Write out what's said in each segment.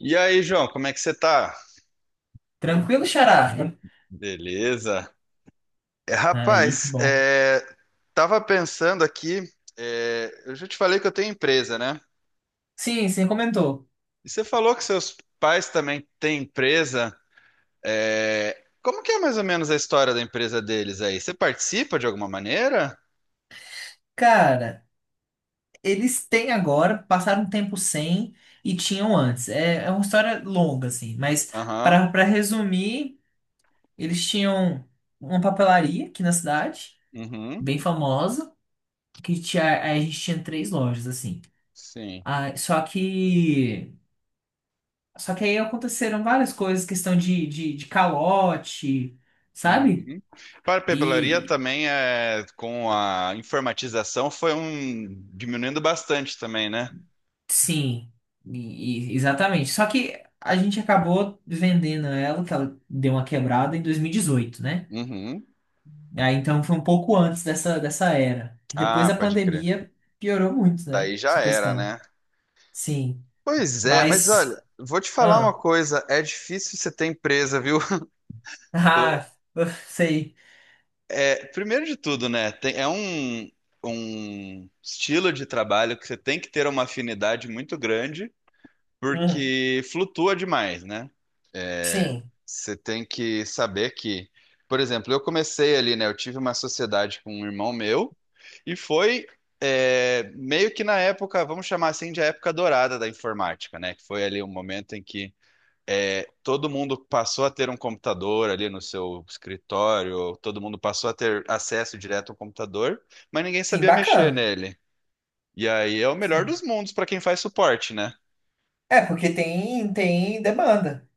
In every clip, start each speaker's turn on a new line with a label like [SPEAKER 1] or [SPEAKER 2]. [SPEAKER 1] E aí, João, como é que você tá?
[SPEAKER 2] Tranquilo, Xará?
[SPEAKER 1] Beleza. É,
[SPEAKER 2] Aí, que
[SPEAKER 1] rapaz,
[SPEAKER 2] bom.
[SPEAKER 1] é, tava pensando aqui, eu já te falei que eu tenho empresa, né?
[SPEAKER 2] Sim, você comentou.
[SPEAKER 1] E você falou que seus pais também têm empresa. Como que é mais ou menos a história da empresa deles aí? Você participa de alguma maneira?
[SPEAKER 2] Cara, eles têm agora, passaram um tempo sem e tinham antes. É, é uma história longa, assim, mas
[SPEAKER 1] Aham.
[SPEAKER 2] para resumir, eles tinham uma papelaria aqui na cidade,
[SPEAKER 1] Uhum.
[SPEAKER 2] bem famosa, que tinha, aí a gente tinha três lojas, assim.
[SPEAKER 1] Sim.
[SPEAKER 2] Ah, só que. Só que aí aconteceram várias coisas, questão de, de calote, sabe?
[SPEAKER 1] Uhum. Papelaria
[SPEAKER 2] e
[SPEAKER 1] também é com a informatização foi um diminuindo bastante também, né?
[SPEAKER 2] Sim, exatamente. Só que a gente acabou vendendo ela, que ela deu uma quebrada em 2018, né?
[SPEAKER 1] Uhum.
[SPEAKER 2] Aí então foi um pouco antes dessa, dessa era, que depois
[SPEAKER 1] Ah,
[SPEAKER 2] da
[SPEAKER 1] pode crer.
[SPEAKER 2] pandemia piorou muito, né?
[SPEAKER 1] Daí já
[SPEAKER 2] Essa
[SPEAKER 1] era,
[SPEAKER 2] questão.
[SPEAKER 1] né?
[SPEAKER 2] Sim,
[SPEAKER 1] Pois é, mas olha,
[SPEAKER 2] mas.
[SPEAKER 1] vou te falar uma
[SPEAKER 2] Ah,
[SPEAKER 1] coisa, é difícil você ter empresa, viu? Eu-
[SPEAKER 2] ah, sei.
[SPEAKER 1] É, primeiro de tudo, né? Um estilo de trabalho que você tem que ter uma afinidade muito grande,
[SPEAKER 2] Uhum.
[SPEAKER 1] porque flutua demais, né?
[SPEAKER 2] Sim,
[SPEAKER 1] Você tem que saber que, por exemplo, eu comecei ali, né? Eu tive uma sociedade com um irmão meu, e foi meio que na época, vamos chamar assim, de época dourada da informática, né? Que foi ali um momento em que todo mundo passou a ter um computador ali no seu escritório, todo mundo passou a ter acesso direto ao computador, mas ninguém
[SPEAKER 2] sim,
[SPEAKER 1] sabia mexer
[SPEAKER 2] bacana.
[SPEAKER 1] nele. E aí é o melhor
[SPEAKER 2] Sim.
[SPEAKER 1] dos mundos para quem faz suporte, né?
[SPEAKER 2] É, porque tem demanda,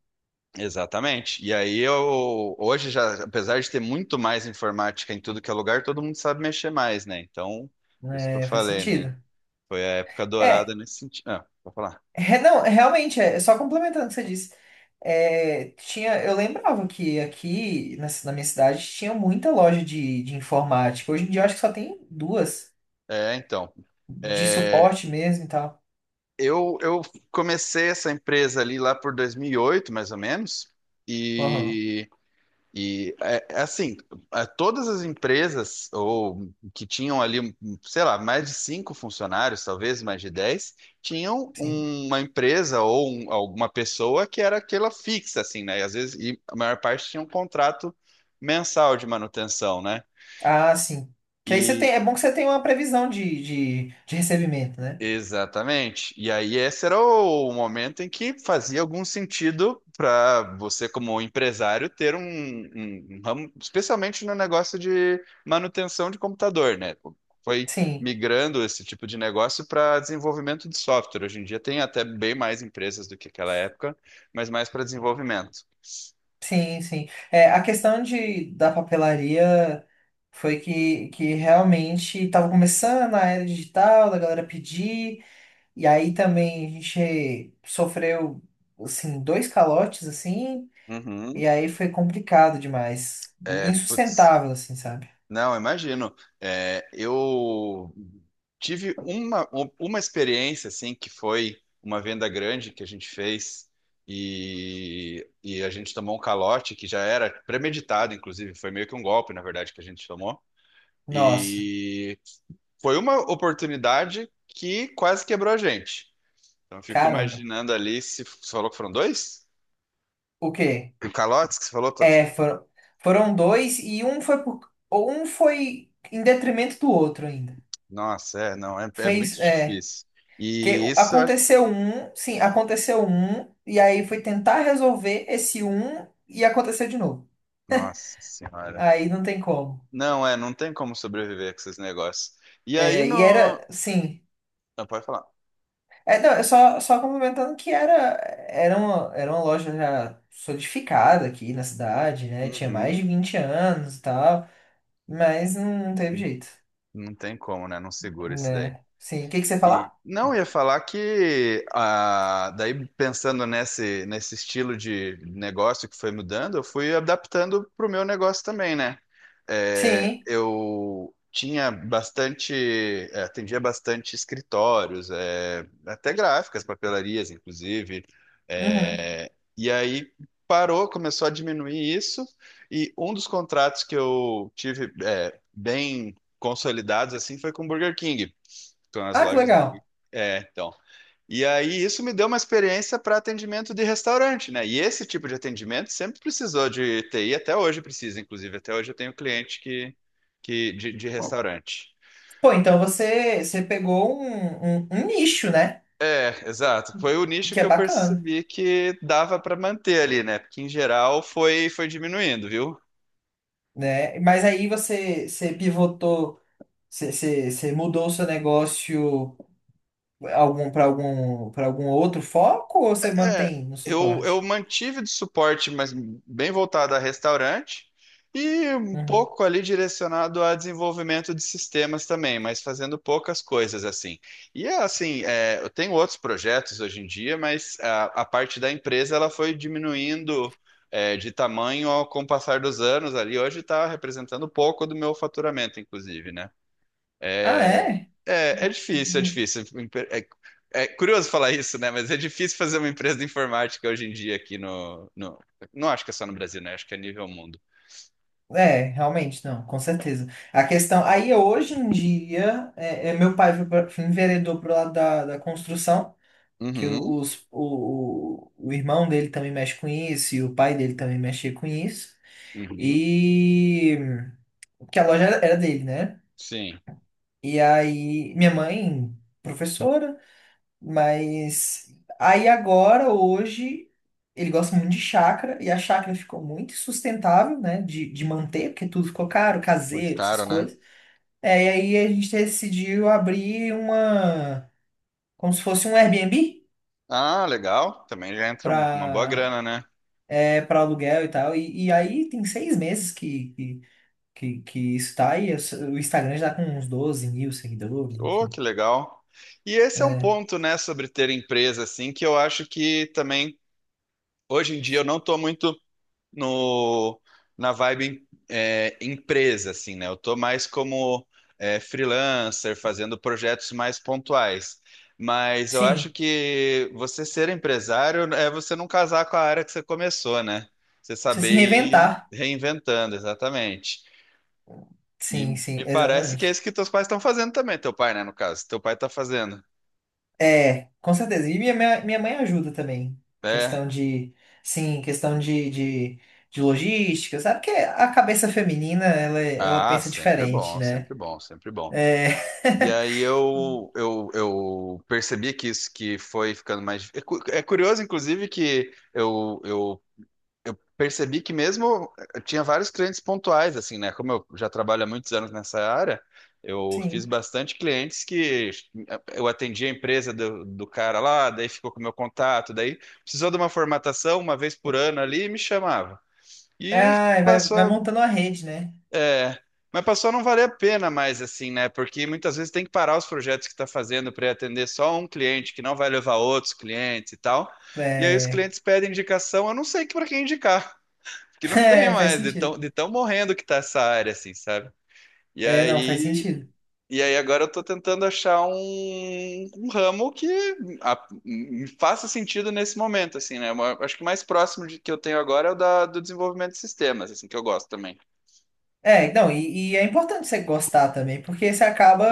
[SPEAKER 1] Exatamente. E aí eu hoje já, apesar de ter muito mais informática em tudo que é lugar, todo mundo sabe mexer mais, né? Então, por isso que eu
[SPEAKER 2] né? Faz
[SPEAKER 1] falei, né?
[SPEAKER 2] sentido.
[SPEAKER 1] Foi a época dourada
[SPEAKER 2] é
[SPEAKER 1] nesse sentido. Ah, vou falar.
[SPEAKER 2] É, não, é, realmente, é só complementando o que você disse. É, tinha, eu lembrava que aqui na, na minha cidade tinha muita loja de informática. Hoje em dia eu acho que só tem duas
[SPEAKER 1] É, então.
[SPEAKER 2] de
[SPEAKER 1] É,
[SPEAKER 2] suporte mesmo e tal.
[SPEAKER 1] eu comecei essa empresa ali lá por 2008, mais ou menos,
[SPEAKER 2] Aham,
[SPEAKER 1] e, é, é assim, é, todas as empresas ou que tinham ali, um, sei lá, mais de cinco funcionários, talvez mais de dez, tinham
[SPEAKER 2] sim.
[SPEAKER 1] uma empresa ou alguma pessoa que era aquela fixa, assim, né? E às vezes, e a maior parte tinha um contrato mensal de manutenção, né?
[SPEAKER 2] Ah, sim. Que aí você tem, é bom que você tem uma previsão de, de recebimento, né?
[SPEAKER 1] Exatamente. E aí esse era o momento em que fazia algum sentido para você, como empresário, ter um ramo, especialmente no negócio de manutenção de computador, né? Foi
[SPEAKER 2] Sim,
[SPEAKER 1] migrando esse tipo de negócio para desenvolvimento de software. Hoje em dia tem até bem mais empresas do que aquela época, mas mais para desenvolvimento.
[SPEAKER 2] sim, sim. É, a questão de, da papelaria foi que realmente estava começando a era digital, da galera pedir. E aí também a gente sofreu, assim, dois calotes, assim,
[SPEAKER 1] Uhum.
[SPEAKER 2] e aí foi complicado demais.
[SPEAKER 1] É, putz.
[SPEAKER 2] Insustentável, assim, sabe?
[SPEAKER 1] Não, imagino. É, eu tive uma experiência assim que foi uma venda grande que a gente fez a gente tomou um calote que já era premeditado, inclusive foi meio que um golpe, na verdade, que a gente tomou.
[SPEAKER 2] Nossa,
[SPEAKER 1] E foi uma oportunidade que quase quebrou a gente. Então eu fico
[SPEAKER 2] caramba.
[SPEAKER 1] imaginando ali se você falou que foram dois?
[SPEAKER 2] O quê?
[SPEAKER 1] O calote que você falou,
[SPEAKER 2] É, foram, foram dois e um foi por, ou um foi em detrimento do outro ainda.
[SPEAKER 1] nossa, é, não, é
[SPEAKER 2] Fez,
[SPEAKER 1] muito
[SPEAKER 2] é,
[SPEAKER 1] difícil. E
[SPEAKER 2] que
[SPEAKER 1] isso, eu acho-
[SPEAKER 2] aconteceu um, sim, aconteceu um, e aí foi tentar resolver esse um e aconteceu de novo.
[SPEAKER 1] Nossa senhora.
[SPEAKER 2] Aí não tem como.
[SPEAKER 1] Não, é, não tem como sobreviver com esses negócios. E aí
[SPEAKER 2] É, e
[SPEAKER 1] no.
[SPEAKER 2] era, sim.
[SPEAKER 1] Não, pode falar.
[SPEAKER 2] É, não, é só, só complementando que era, era uma loja já solidificada aqui na cidade, né? Tinha mais
[SPEAKER 1] Uhum.
[SPEAKER 2] de 20 anos e tal, mas não teve
[SPEAKER 1] E
[SPEAKER 2] jeito,
[SPEAKER 1] não tem como, né? Não segura isso daí.
[SPEAKER 2] né? Sim, o que que você ia
[SPEAKER 1] E,
[SPEAKER 2] falar?
[SPEAKER 1] não, ia falar que ah, daí pensando nesse estilo de negócio que foi mudando, eu fui adaptando para o meu negócio também, né? É,
[SPEAKER 2] Sim,
[SPEAKER 1] eu tinha bastante, é, atendia bastante escritórios, é, até gráficas, papelarias, inclusive.
[SPEAKER 2] uhum.
[SPEAKER 1] É, e aí parou, começou a diminuir isso, e um dos contratos que eu tive é, bem consolidados assim foi com o Burger King. Estão nas
[SPEAKER 2] Ah, que
[SPEAKER 1] lojas do Burger
[SPEAKER 2] legal.
[SPEAKER 1] King. É, então. E aí isso me deu uma experiência para atendimento de restaurante, né? E esse tipo de atendimento sempre precisou de TI, até hoje precisa, inclusive. Até hoje eu tenho cliente que, de restaurante.
[SPEAKER 2] Pô, então você, você, pegou um, um nicho, né?
[SPEAKER 1] É, exato. Foi o nicho
[SPEAKER 2] Que
[SPEAKER 1] que
[SPEAKER 2] é
[SPEAKER 1] eu
[SPEAKER 2] bacana,
[SPEAKER 1] percebi que dava para manter ali, né? Porque em geral foi, foi diminuindo, viu?
[SPEAKER 2] né? Mas aí você pivotou, você, você mudou o seu negócio para algum outro foco ou você
[SPEAKER 1] É,
[SPEAKER 2] mantém no
[SPEAKER 1] eu
[SPEAKER 2] suporte?
[SPEAKER 1] mantive de suporte, mas bem voltado a restaurante e um
[SPEAKER 2] Uhum.
[SPEAKER 1] pouco ali direcionado a desenvolvimento de sistemas também, mas fazendo poucas coisas assim. E é assim, é, eu tenho outros projetos hoje em dia, mas a parte da empresa ela foi diminuindo é, de tamanho ao, com o passar dos anos ali. Hoje está representando pouco do meu faturamento, inclusive, né?
[SPEAKER 2] Ah, é?
[SPEAKER 1] É, é difícil, é difícil. É, é curioso falar isso, né? Mas é difícil fazer uma empresa de informática hoje em dia aqui no... Não acho que é só no Brasil, né? Acho que é nível mundo.
[SPEAKER 2] É, realmente, não, com certeza. A questão. Aí, hoje em dia, meu pai foi enveredou pro lado da, da construção, que
[SPEAKER 1] Uhum,
[SPEAKER 2] o irmão dele também mexe com isso, e o pai dele também mexia com isso.
[SPEAKER 1] uhum.
[SPEAKER 2] E. Porque a loja era dele, né?
[SPEAKER 1] Sim,
[SPEAKER 2] E aí, minha mãe, professora. Mas aí agora, hoje, ele gosta muito de chácara e a chácara ficou muito sustentável, né, de manter, porque tudo ficou caro,
[SPEAKER 1] muito
[SPEAKER 2] caseiro, essas
[SPEAKER 1] caro, né?
[SPEAKER 2] coisas. É, e aí a gente decidiu abrir uma, como se fosse um Airbnb
[SPEAKER 1] Ah, legal. Também já entra uma boa
[SPEAKER 2] para
[SPEAKER 1] grana, né?
[SPEAKER 2] para aluguel e tal. E aí tem 6 meses que, que isso tá aí. O Instagram já tá com uns 12 mil seguidores,
[SPEAKER 1] Oh,
[SPEAKER 2] enfim.
[SPEAKER 1] que legal. E esse é um
[SPEAKER 2] É,
[SPEAKER 1] ponto, né, sobre ter empresa, assim, que eu acho que também, hoje em dia, eu não tô muito. No, na vibe é, empresa, assim, né? Eu tô mais como é, freelancer, fazendo projetos mais pontuais. Mas eu acho
[SPEAKER 2] sim,
[SPEAKER 1] que você ser empresário é você não casar com a área que você começou, né? Você
[SPEAKER 2] precisa se
[SPEAKER 1] saber ir
[SPEAKER 2] reinventar.
[SPEAKER 1] reinventando, exatamente. E
[SPEAKER 2] Sim, sim,
[SPEAKER 1] me parece que é
[SPEAKER 2] exatamente.
[SPEAKER 1] isso que teus pais estão fazendo também, teu pai, né, no caso. Teu pai tá fazendo.
[SPEAKER 2] É, com certeza. E minha, minha mãe ajuda também.
[SPEAKER 1] É.
[SPEAKER 2] Questão de, sim, questão de, de logística, sabe? Porque a cabeça feminina, ela
[SPEAKER 1] Ah,
[SPEAKER 2] pensa
[SPEAKER 1] sempre
[SPEAKER 2] diferente,
[SPEAKER 1] bom,
[SPEAKER 2] né?
[SPEAKER 1] sempre bom, sempre bom.
[SPEAKER 2] É,
[SPEAKER 1] E aí eu percebi que isso que foi ficando mais. É curioso, inclusive, que eu percebi que mesmo eu tinha vários clientes pontuais, assim, né? Como eu já trabalho há muitos anos nessa área, eu fiz
[SPEAKER 2] sim.
[SPEAKER 1] bastante clientes que eh, eu atendi a empresa do cara lá, daí ficou com o meu contato, daí precisou de uma formatação uma vez por ano ali e me chamava. E
[SPEAKER 2] Ah, vai
[SPEAKER 1] passou,
[SPEAKER 2] montando uma rede, né?
[SPEAKER 1] é, mas passou a não valer a pena mais, assim, né? Porque muitas vezes tem que parar os projetos que está fazendo para atender só um cliente, que não vai levar outros clientes e tal. E aí os
[SPEAKER 2] É,
[SPEAKER 1] clientes pedem indicação, eu não sei para quem indicar, que não tem
[SPEAKER 2] é, faz
[SPEAKER 1] mais,
[SPEAKER 2] sentido.
[SPEAKER 1] de tão morrendo que tá essa área, assim, sabe? E
[SPEAKER 2] É, não, faz
[SPEAKER 1] aí,
[SPEAKER 2] sentido.
[SPEAKER 1] e aí agora eu tô tentando achar um, um ramo que me faça sentido nesse momento, assim, né? Eu acho que o mais próximo de, que eu tenho agora é do desenvolvimento de sistemas, assim, que eu gosto também.
[SPEAKER 2] É, não, e é importante você gostar também, porque você acaba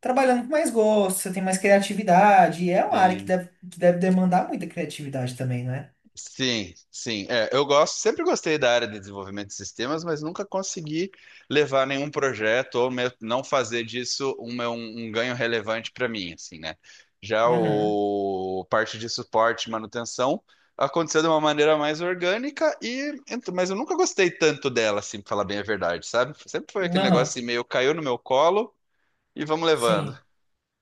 [SPEAKER 2] trabalhando com mais gosto, você tem mais criatividade, e é uma área
[SPEAKER 1] Sim.
[SPEAKER 2] que deve demandar muita criatividade também, não é?
[SPEAKER 1] Sim, sim. É, eu gosto, sempre gostei da área de desenvolvimento de sistemas, mas nunca consegui levar nenhum projeto ou mesmo não fazer disso um, um ganho relevante para mim, assim, né? Já
[SPEAKER 2] Uhum.
[SPEAKER 1] o parte de suporte e manutenção aconteceu de uma maneira mais orgânica mas eu nunca gostei tanto dela, assim, para falar bem a verdade, sabe? Sempre foi aquele negócio
[SPEAKER 2] Aham.
[SPEAKER 1] assim, meio caiu no meu colo e vamos levando.
[SPEAKER 2] Sim,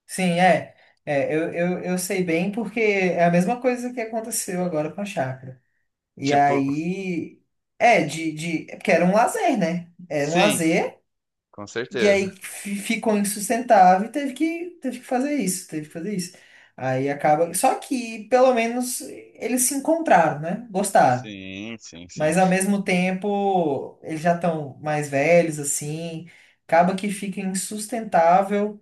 [SPEAKER 2] sim, é. É, eu, eu sei bem porque é a mesma coisa que aconteceu agora com a chácara. E
[SPEAKER 1] Tipo,
[SPEAKER 2] aí, de porque era um lazer, né? Era um
[SPEAKER 1] sim,
[SPEAKER 2] lazer,
[SPEAKER 1] com
[SPEAKER 2] e
[SPEAKER 1] certeza.
[SPEAKER 2] aí ficou insustentável e teve que fazer isso, teve que fazer isso. Aí acaba. Só que, pelo menos, eles se encontraram, né? Gostaram.
[SPEAKER 1] Sim, sim, sim.
[SPEAKER 2] Mas ao mesmo tempo, eles já estão mais velhos, assim. Acaba que fica insustentável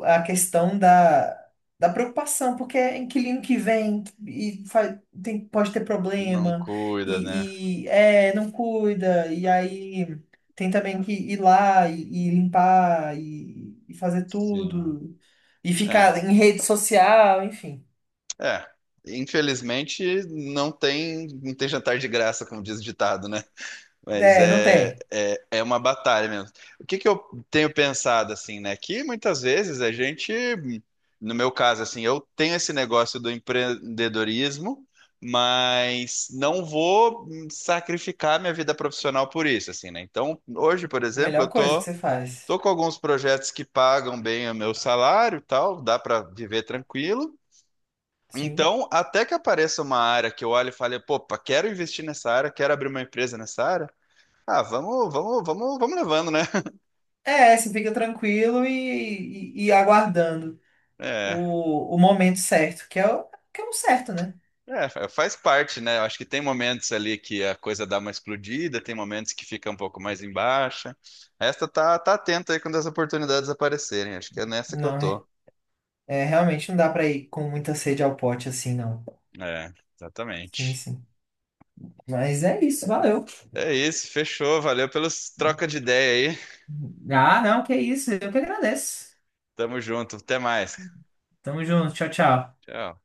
[SPEAKER 2] a questão da, da preocupação, porque é inquilino que vem e faz, tem, pode ter
[SPEAKER 1] Não
[SPEAKER 2] problema,
[SPEAKER 1] cuida, né?
[SPEAKER 2] e não cuida, e aí tem também que ir lá e limpar e fazer
[SPEAKER 1] Sim.
[SPEAKER 2] tudo, e
[SPEAKER 1] É,
[SPEAKER 2] ficar em rede social, enfim.
[SPEAKER 1] é. Infelizmente, não tem, não tem jantar de graça, como diz o ditado, né? Mas
[SPEAKER 2] É, não tem.
[SPEAKER 1] é uma batalha mesmo. O que que eu tenho pensado, assim, né? Que muitas vezes a gente, no meu caso, assim, eu tenho esse negócio do empreendedorismo, mas não vou sacrificar minha vida profissional por isso, assim, né? Então, hoje, por
[SPEAKER 2] A
[SPEAKER 1] exemplo,
[SPEAKER 2] melhor coisa que você faz.
[SPEAKER 1] tô com alguns projetos que pagam bem o meu salário e tal, dá para viver tranquilo.
[SPEAKER 2] Sim.
[SPEAKER 1] Então, até que apareça uma área que eu olhe e fale, pô, pá, quero investir nessa área, quero abrir uma empresa nessa área. Ah, vamos, vamos, vamos, vamos levando, né?
[SPEAKER 2] É, você fica tranquilo e, e aguardando
[SPEAKER 1] É,
[SPEAKER 2] o momento certo, que é o certo, né?
[SPEAKER 1] Faz parte, né? Eu acho que tem momentos ali que a coisa dá uma explodida, tem momentos que fica um pouco mais em baixa. Tá atento aí quando as oportunidades aparecerem. Acho que é nessa que eu
[SPEAKER 2] Não é
[SPEAKER 1] tô.
[SPEAKER 2] É, realmente não dá pra ir com muita sede ao pote assim, não.
[SPEAKER 1] É,
[SPEAKER 2] Sim,
[SPEAKER 1] exatamente.
[SPEAKER 2] sim. Mas é isso, valeu.
[SPEAKER 1] É isso, fechou. Valeu pelas trocas de ideia aí.
[SPEAKER 2] Ah, não, que isso. Eu que agradeço.
[SPEAKER 1] Tamo junto. Até mais.
[SPEAKER 2] Tamo junto. Tchau, tchau.
[SPEAKER 1] Tchau.